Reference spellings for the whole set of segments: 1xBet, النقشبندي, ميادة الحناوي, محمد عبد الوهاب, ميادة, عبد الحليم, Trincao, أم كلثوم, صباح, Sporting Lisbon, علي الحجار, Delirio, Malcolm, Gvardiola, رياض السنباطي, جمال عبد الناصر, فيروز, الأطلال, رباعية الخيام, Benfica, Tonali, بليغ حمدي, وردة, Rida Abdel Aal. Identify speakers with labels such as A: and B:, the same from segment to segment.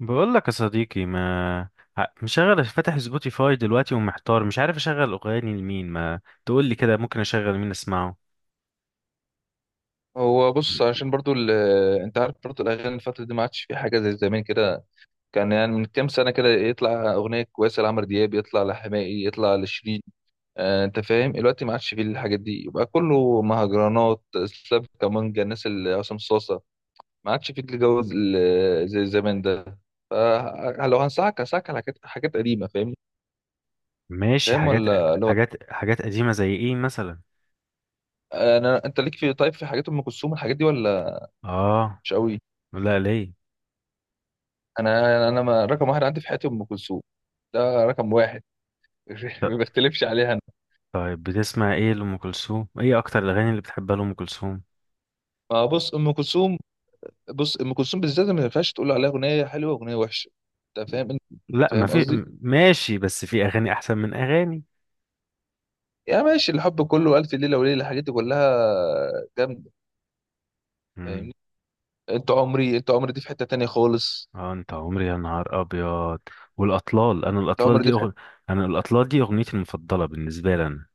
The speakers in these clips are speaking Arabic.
A: بقول لك يا صديقي، ما مشغل فاتح سبوتيفاي دلوقتي ومحتار، مش عارف اشغل اغاني لمين. ما تقول لي كده ممكن اشغل مين اسمعه؟
B: هو بص، عشان برضو ال... آه، انت عارف برضو الاغاني الفتره دي ما عادش في حاجه زي زمان كده. كان يعني من كام سنه كده يطلع اغنيه كويسه لعمرو دياب، يطلع لحماقي، يطلع لشيرين. انت فاهم، دلوقتي ما عادش فيه الحاجات دي، يبقى كله مهرجانات، سلاب، كمانجا، الناس اللي عصام صاصه. ما عادش فيه الجو زي زمان ده. فلو هنصحك على حاجات قديمه، فاهمني؟
A: ماشي.
B: فاهم، ولا لو
A: حاجات قديمة زي ايه مثلا؟
B: انت ليك في، طيب، في حاجات ام كلثوم، الحاجات دي ولا
A: اه.
B: مش قوي؟
A: لا ليه؟
B: انا ما رقم واحد عندي في حياتي ام كلثوم. ده رقم واحد.
A: ط-
B: ما بختلفش عليها انا.
A: طيب بتسمع ايه لأم كلثوم؟ ايه اكتر الاغاني اللي بتحبها لأم كلثوم؟
B: ما بص، ام كلثوم، بص ام كلثوم بالذات ما ينفعش تقول عليها اغنيه حلوه واغنيه وحشه. انت
A: لا، ما
B: فاهم
A: في
B: قصدي؟
A: ماشي، بس في اغاني احسن من اغاني.
B: يا ماشي، الحب كله، الف ليله وليله، الحاجات دي كلها جامده،
A: امم
B: فاهمني؟ انت عمري، انت عمري دي في حته تانية خالص.
A: اه، انت عمري يا نهار ابيض، والاطلال. انا
B: انت
A: الاطلال
B: عمري
A: دي
B: دي في حته.
A: انا الاطلال دي اغنيتي المفضلة بالنسبة لي أنا.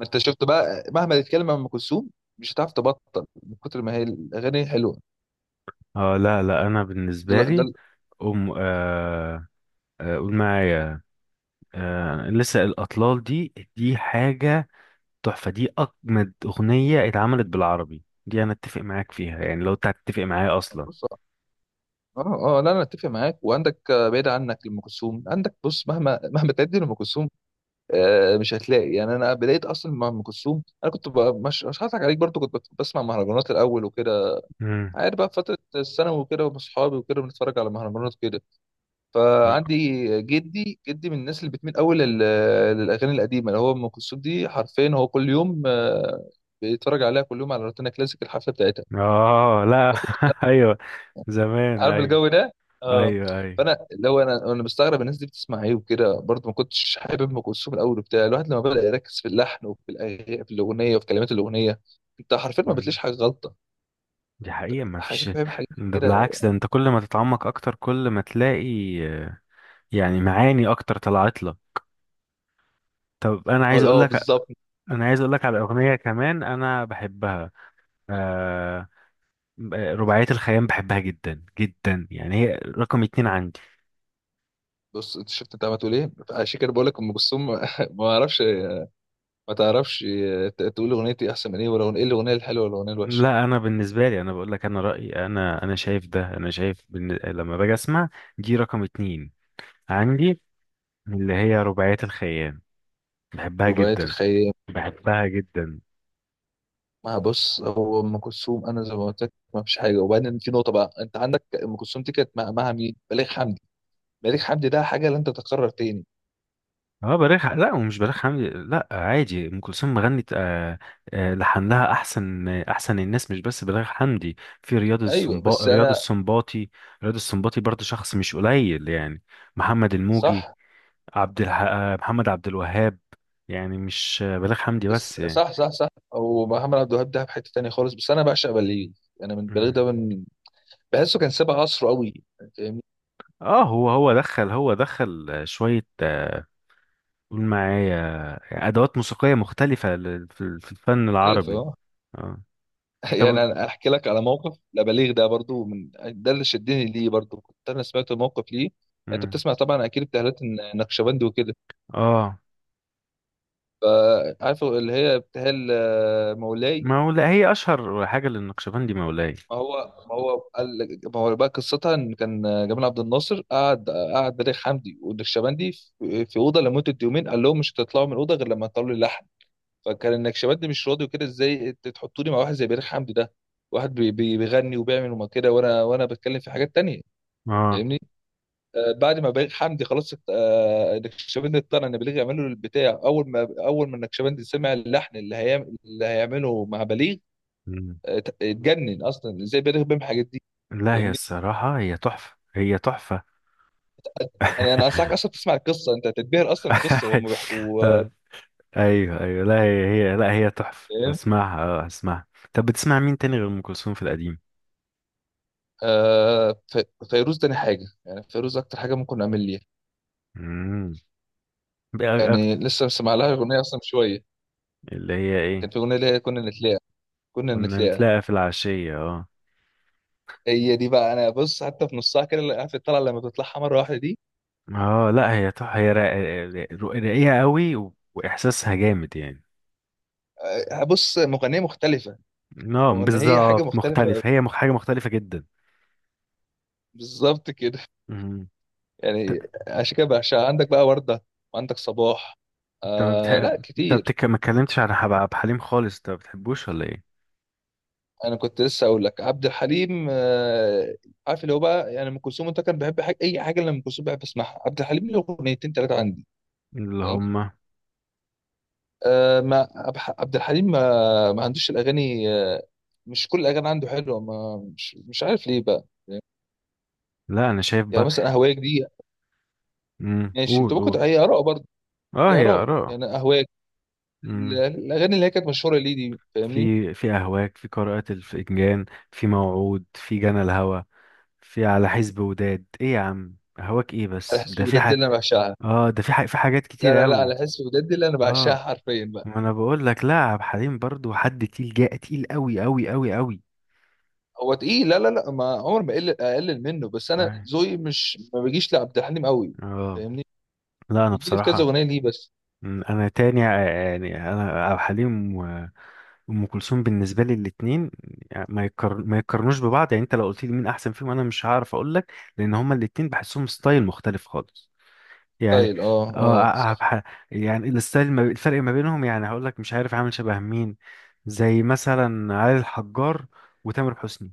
B: ما انت شفت بقى، مهما تتكلم عن ام كلثوم مش هتعرف تبطل، من كتر ما هي الاغاني حلوه.
A: اه لا لا، انا
B: ده
A: بالنسبه
B: ده
A: لي، آه، آه قول معايا. آه لسه الاطلال، دي حاجه تحفه. دي اجمد اغنيه اتعملت بالعربي. دي انا اتفق معاك فيها، يعني لو انت هتتفق معايا اصلا.
B: بص. اه اه، لا انا اتفق معاك وعندك، بعيد عنك لام كلثوم، عندك بص، مهما مهما تعدي لام كلثوم، مش هتلاقي، يعني انا بدايه اصلا مع ام كلثوم، انا كنت بقى مش هضحك عليك برضو، كنت بسمع مهرجانات الاول وكده.
A: امم
B: عارف بقى فتره الثانوي وكده، واصحابي وكده، بنتفرج على مهرجانات كده. فعندي، جدي من الناس اللي بتميل قوي للاغاني القديمه، اللي هو ام كلثوم دي حرفيا هو كل يوم بيتفرج عليها كل يوم على روتانا كلاسيك الحفله بتاعتها.
A: اه. لا
B: فكنت
A: ايوه. زمان،
B: عارف
A: ايوه.
B: الجو ده، اه.
A: ايوه، ايوه.
B: فانا اللي هو، انا مستغرب الناس دي بتسمع ايه وكده، برضه ما كنتش حابب ام كلثوم الاول، وبتاع الواحد لما بدا يركز في اللحن وفي في الاغنيه وفي كلمات الاغنيه، انت حرفيا ما
A: مم.
B: بتلاقيش حاجه غلطه.
A: دي حقيقه، ما
B: حاجه،
A: فيش.
B: فاهم، حاجات
A: ده
B: كده،
A: بالعكس، ده انت كل ما تتعمق اكتر كل ما تلاقي. آه، يعني معاني اكتر طلعت لك. طب انا
B: اه،
A: عايز اقول لك،
B: بالظبط.
A: انا عايز اقول لك على اغنيه كمان انا بحبها. آه، رباعيه الخيام بحبها جدا جدا، يعني هي رقم اتنين عندي.
B: بص، انت شفت، انت عمال تقول ايه، عشان كده بقول لك ام كلثوم. ما اعرفش. ما تعرفش تقول اغنيتي احسن من ايه، ولا ايه الاغنيه الحلوه ولا الاغنيه الوحشه.
A: لا انا بالنسبه لي، انا بقول لك انا رايي، انا شايف ده، انا شايف لما باجي اسمع دي رقم اتنين عندي، اللي هي رباعيه الخيام، بحبها
B: رباعيه
A: جدا،
B: الخيال.
A: بحبها جدا.
B: ما بص، هو ام كلثوم انا زي ما قلت لك ما فيش حاجه. وبعدين في نقطه بقى، انت عندك ام كلثوم دي كانت مع، مين؟ بليغ حمدي. بليغ حمدي ده حاجه لن تتكرر تاني.
A: اه بليغ لا، ومش بليغ حمدي. لا عادي ام كلثوم غنت آه، لحن لها احسن احسن الناس، مش بس بليغ حمدي. في
B: ايوه، بس
A: رياض
B: انا،
A: السنباطي. رياض السنباطي برضه شخص مش قليل يعني. محمد الموجي،
B: صح،
A: محمد عبد الوهاب. يعني مش بليغ حمدي
B: بس
A: بس يعني.
B: صح صح صح. او محمد عبد الوهاب ده في حته تانيه خالص، بس انا بعشق بليغ. انا من بليغ
A: مم.
B: ده، من بحسه كان سابق عصره قوي، فاهمني؟
A: اه، هو دخل، هو دخل شوية قول معايا ادوات موسيقية مختلفة في الفن
B: مختلف،
A: العربي.
B: اه.
A: اه. طب.
B: يعني انا احكي لك على موقف لبليغ ده برضو، من ده اللي شدني ليه برضو، كنت انا سمعت موقف ليه. انت
A: مم.
B: بتسمع طبعا اكيد بتهلات النقشبندي وكده.
A: اه
B: فعارف اللي هي ابتهال مولاي.
A: مولا، هي اشهر حاجه للنقشبندي، مولاي.
B: ما هو ما هو قال، ما هو بقى قصتها، ان كان جمال عبد الناصر قعد، بليغ حمدي والنكشبندي في اوضه لمده يومين، قال لهم مش هتطلعوا من الاوضه غير لما تطلعوا لي لحن. فكان النكشبندي مش راضي وكده، ازاي انت تحطوني مع واحد زي بليغ حمدي ده، واحد بيغني وبيعمل وما كده، وانا بتكلم في حاجات تانية،
A: اه.
B: فاهمني؟ بعد ما بليغ حمدي خلاص النكشبندي اقتنع ان بليغ يعمل له البتاع. اول ما النكشبندي سمع اللحن اللي هيعمله مع بليغ،
A: مم.
B: اتجنن اصلا، ازاي بيلغي بيهم الحاجات دي؟
A: لا هي
B: فاهمني؟
A: الصراحه، هي تحفه، هي تحفه.
B: يعني انا انصحك اصلا تسمع القصه، انت هتتبهر اصلا القصه وهم بيحكوا.
A: آه، ايوه، ايوه. لا، هي لا، هي تحفه،
B: فاهم؟
A: هسمعها اه هسمعها. طب بتسمع مين تاني غير ام كلثوم في القديم؟
B: فيروز تاني حاجه، يعني فيروز اكتر حاجه ممكن اعمل ليها.
A: امم بقى أكتر.
B: يعني لسه مسمع لها اغنيه اصلا من شويه،
A: اللي هي ايه؟
B: كان في اغنيه اللي هي كنا نتلاقى. كنا
A: كنا
B: نتلاقى.
A: نتلاقى في العشيه، اه.
B: هي دي بقى، انا بص، حتى في نصها كده اللي، عارف الطلعه لما بتطلعها مره واحده دي،
A: اه لا هي تحفه، هي راقيه قوي واحساسها جامد يعني.
B: بص، مغنيه مختلفه.
A: اه
B: وان هي حاجه
A: بالظبط
B: مختلفه.
A: مختلفه، هي حاجه مختلفه جدا.
B: بالظبط كده،
A: مم.
B: يعني عشان كده بعشقها. عندك بقى ورده، وعندك صباح،
A: انت ما بتح...
B: آه لا
A: انت
B: كتير.
A: ما اتكلمتش على عبد الحليم خالص، انت ما بتحبوش ولا ايه؟
B: انا كنت لسه اقول لك عبد الحليم. عارف اللي هو بقى، يعني ام كلثوم انت كان بحب حاجه، اي حاجه اللي ام كلثوم بحب اسمعها، عبد الحليم له اغنيتين ثلاثه عندي.
A: اللي
B: فاهم؟
A: هم؟
B: آه، ما أبح- عبد الحليم ما عندوش الاغاني. مش كل الاغاني عنده حلوه، ما مش عارف ليه بقى.
A: لا انا شايف
B: يعني
A: بقى.
B: مثلا اهواك دي، ماشي انت
A: قول قول.
B: ممكن، هي اراء برضه.
A: اه
B: هي
A: هي
B: اراء،
A: اراء.
B: يعني اهواك،
A: امم
B: الاغاني اللي هي كانت مشهوره ليه دي، فاهمني؟
A: في اهواك، في قراءة الفنجان، في موعود، في جنى الهوى، في على حزب وداد، ايه يا عم هواك، ايه
B: على
A: بس ده
B: حسب
A: في
B: وداد اللي انا بعشقها.
A: اه ده في في حاجات
B: لا
A: كتير
B: لا لا،
A: قوي.
B: على حسب وداد اللي انا بعشقها
A: اه
B: حرفيا.
A: ما انا بقول لك، لا عبد الحليم برضو حد تقيل، جاء تقيل قوي قوي قوي قوي.
B: هو تقيل؟ لا لا لا، ما عمر ما اقلل منه، بس انا
A: أي.
B: ذوقي مش، ما بيجيش لعبد الحليم قوي،
A: اه
B: فاهمني؟
A: لا انا
B: بيجي لي في كذا
A: بصراحة.
B: اغنيه ليه بس.
A: انا تاني يعني انا عبد الحليم وام كلثوم بالنسبه لي الاثنين ما يقارنوش ببعض يعني. انت لو قلت لي مين احسن فيهم، انا مش هعرف اقول لك، لان هما الاثنين بحسهم ستايل مختلف خالص يعني.
B: ستايل، اه
A: اه
B: اه، صح.
A: يعني الستايل ما... الفرق ما بينهم يعني هقول لك مش عارف عامل شبه مين. زي مثلا علي الحجار وتامر حسني،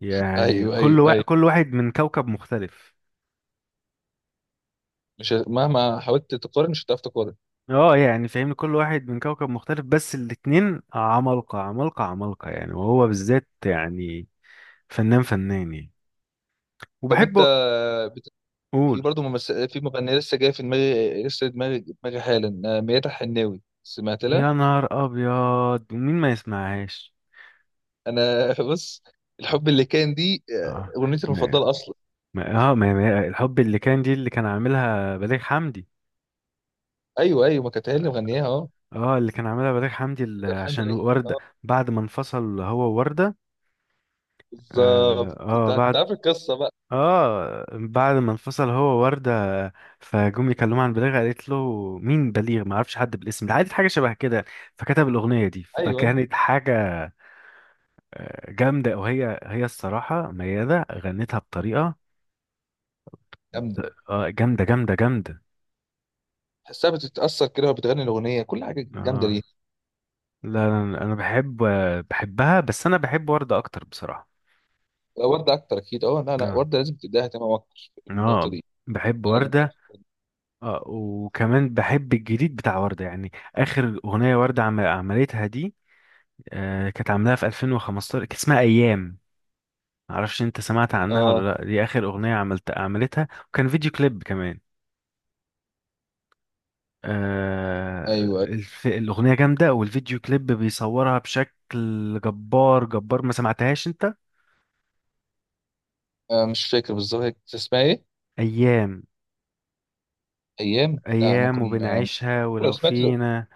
A: يعني
B: ايوه
A: كل
B: ايوه ايوه.
A: كل واحد من كوكب مختلف.
B: مش مهما حاولت تقارن مش هتعرف تقارن.
A: اه يعني فاهمني، كل واحد من كوكب مختلف. بس الاتنين عمالقة عمالقة عمالقة يعني، وهو بالذات يعني فنان فنان يعني،
B: طب انت
A: وبحبه.
B: بت... في
A: قول.
B: برضه في مغنيه لسه جايه في دماغي، لسه دماغي حالا، ميادة الحناوي سمعت لها؟
A: يا نهار ابيض، ومين ما يسمعهاش!
B: انا بص. الحب اللي كان دي
A: اه
B: اغنيتي
A: ما
B: المفضله اصلا.
A: ما اه ما ما الحب اللي كان دي، اللي كان عاملها بليغ حمدي.
B: ايوه ايوه، ما كانت هي اللي مغنياها، اه.
A: اه اللي كان عاملها بليغ حمدي، اللي
B: كانت الحان
A: عشان
B: بالعيد،
A: وردة،
B: اه.
A: بعد ما انفصل هو ووردة. اه,
B: بالظبط، انت
A: آه
B: أنت
A: بعد،
B: عارف القصه بقى.
A: اه بعد ما انفصل هو وردة فجم يكلموا عن بليغ، قالت له: مين بليغ؟ ما اعرفش حد بالاسم ده. عادي حاجه شبه كده. فكتب الاغنيه دي،
B: ايوه
A: فكانت حاجه آه، جامده. وهي الصراحه ميادة غنتها بطريقه
B: جامده.
A: آه، جامده جامده جامده.
B: تحسها بتتاثر كده وهي بتغني الاغنيه، كل حاجه جامده
A: اه
B: ليها.
A: لا انا بحب آه، بحبها، بس انا بحب وردة اكتر بصراحه.
B: لا، ورده اكتر اكيد، اه، لا لا،
A: اه.
B: ورده لازم تديها اهتمام اكتر في النقطه
A: اه
B: دي.
A: بحب
B: يعني
A: وردة.
B: أنا،
A: اه وكمان بحب الجديد بتاع وردة، يعني اخر اغنيه وردة عملتها دي، آه، كانت عاملاها في 2015، كانت اسمها ايام. معرفش انت سمعت عنها ولا
B: اه
A: لا. دي اخر اغنيه عملت عملتها، وكان فيديو كليب كمان. آه،
B: ايوه أيوة.
A: الاغنيه جامده، والفيديو كليب بيصورها بشكل جبار جبار. ما سمعتهاش انت؟
B: مش فاكر بالظبط هي كانت اسمها ايه.
A: ايام.
B: ايام، لا
A: ايام
B: ممكن،
A: وبنعيشها
B: ممكن لو
A: ولو
B: سمعت له.
A: فينا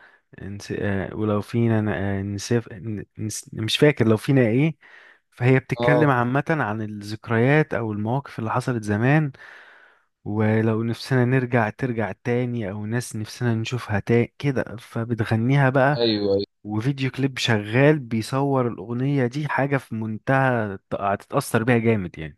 A: آه، ولو فينا آه، مش فاكر لو فينا ايه. فهي بتتكلم
B: اه،
A: عامة عن الذكريات أو المواقف اللي حصلت زمان، ولو نفسنا نرجع ترجع تاني او ناس نفسنا نشوفها تاني كده، فبتغنيها بقى.
B: ايوه ايوه.
A: وفيديو كليب شغال بيصور الاغنية دي، حاجة في منتهى هتتأثر بيها جامد يعني.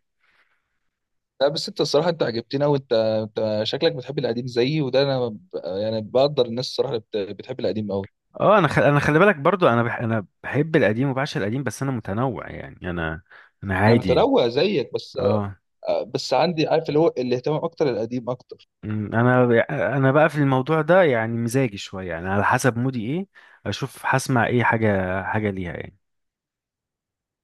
B: لا بس انت الصراحه انت عجبتني قوي، انت شكلك بتحب القديم زيي، وده انا يعني بقدر الناس الصراحه اللي بتحب القديم قوي.
A: اه انا انا خلي بالك برضو، انا انا بحب القديم وبعشق القديم، بس انا متنوع يعني، انا
B: انا
A: عادي.
B: متنوع زيك بس،
A: اه.
B: بس عندي، عارف اللي هو الاهتمام اكتر، القديم اكتر.
A: أمم، انا انا بقى في الموضوع ده يعني مزاجي شوية يعني، على حسب مودي ايه. اشوف هسمع ايه حاجة حاجة ليها يعني.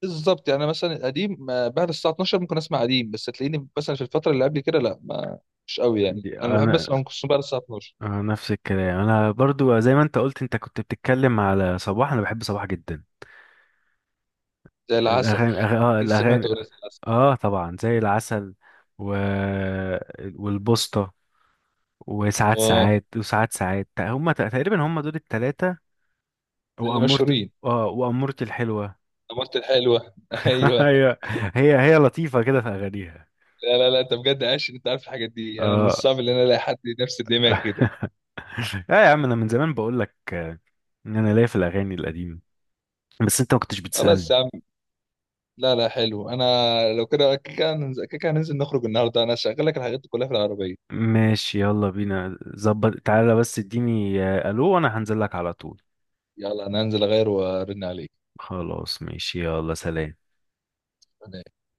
B: بالظبط، يعني أنا مثلا القديم بعد الساعه 12 ممكن اسمع قديم، بس تلاقيني مثلا في الفتره اللي قبل كده لا ما، مش قوي. يعني
A: دي
B: انا بحب
A: انا
B: اسمع ام كلثوم بعد الساعه 12.
A: آه، نفس الكلام. انا برضو زي ما انت قلت، انت كنت بتتكلم على صباح، انا بحب صباح جدا.
B: زي العسل،
A: الاغاني اه
B: اكيد سمعت
A: الاغاني.
B: اغنيه زي العسل،
A: اه طبعا زي العسل، و... والبوسطة، وساعات
B: اه.
A: ساعات، وساعات ساعات، هم تقريبا هم دول التلاتة.
B: اللي
A: وأمورت،
B: مشهورين.
A: اه وأمورتي الحلوة.
B: مرت الحلوه، ايوه.
A: هي هي لطيفة كده في اغانيها.
B: لا لا لا، انت بجد عايش، انت عارف الحاجات دي، انا من
A: اه
B: الصعب ان انا الاقي حد نفس الدماغ كده.
A: اه يا عم، انا من زمان بقول لك آه، ان انا ليا في الاغاني القديمة، بس انت ما كنتش
B: خلاص
A: بتسألني.
B: يا عم، لا لا، حلو انا. لو كده، كده هننزل نخرج النهارده، انا هشغل لك الحاجات دي كلها في العربيه.
A: ماشي يلا بينا، ظبط، تعالى بس اديني آه، الو، وانا هنزل لك على طول.
B: يلا انا هنزل اغير وارن عليك.
A: خلاص ماشي، يلا سلام.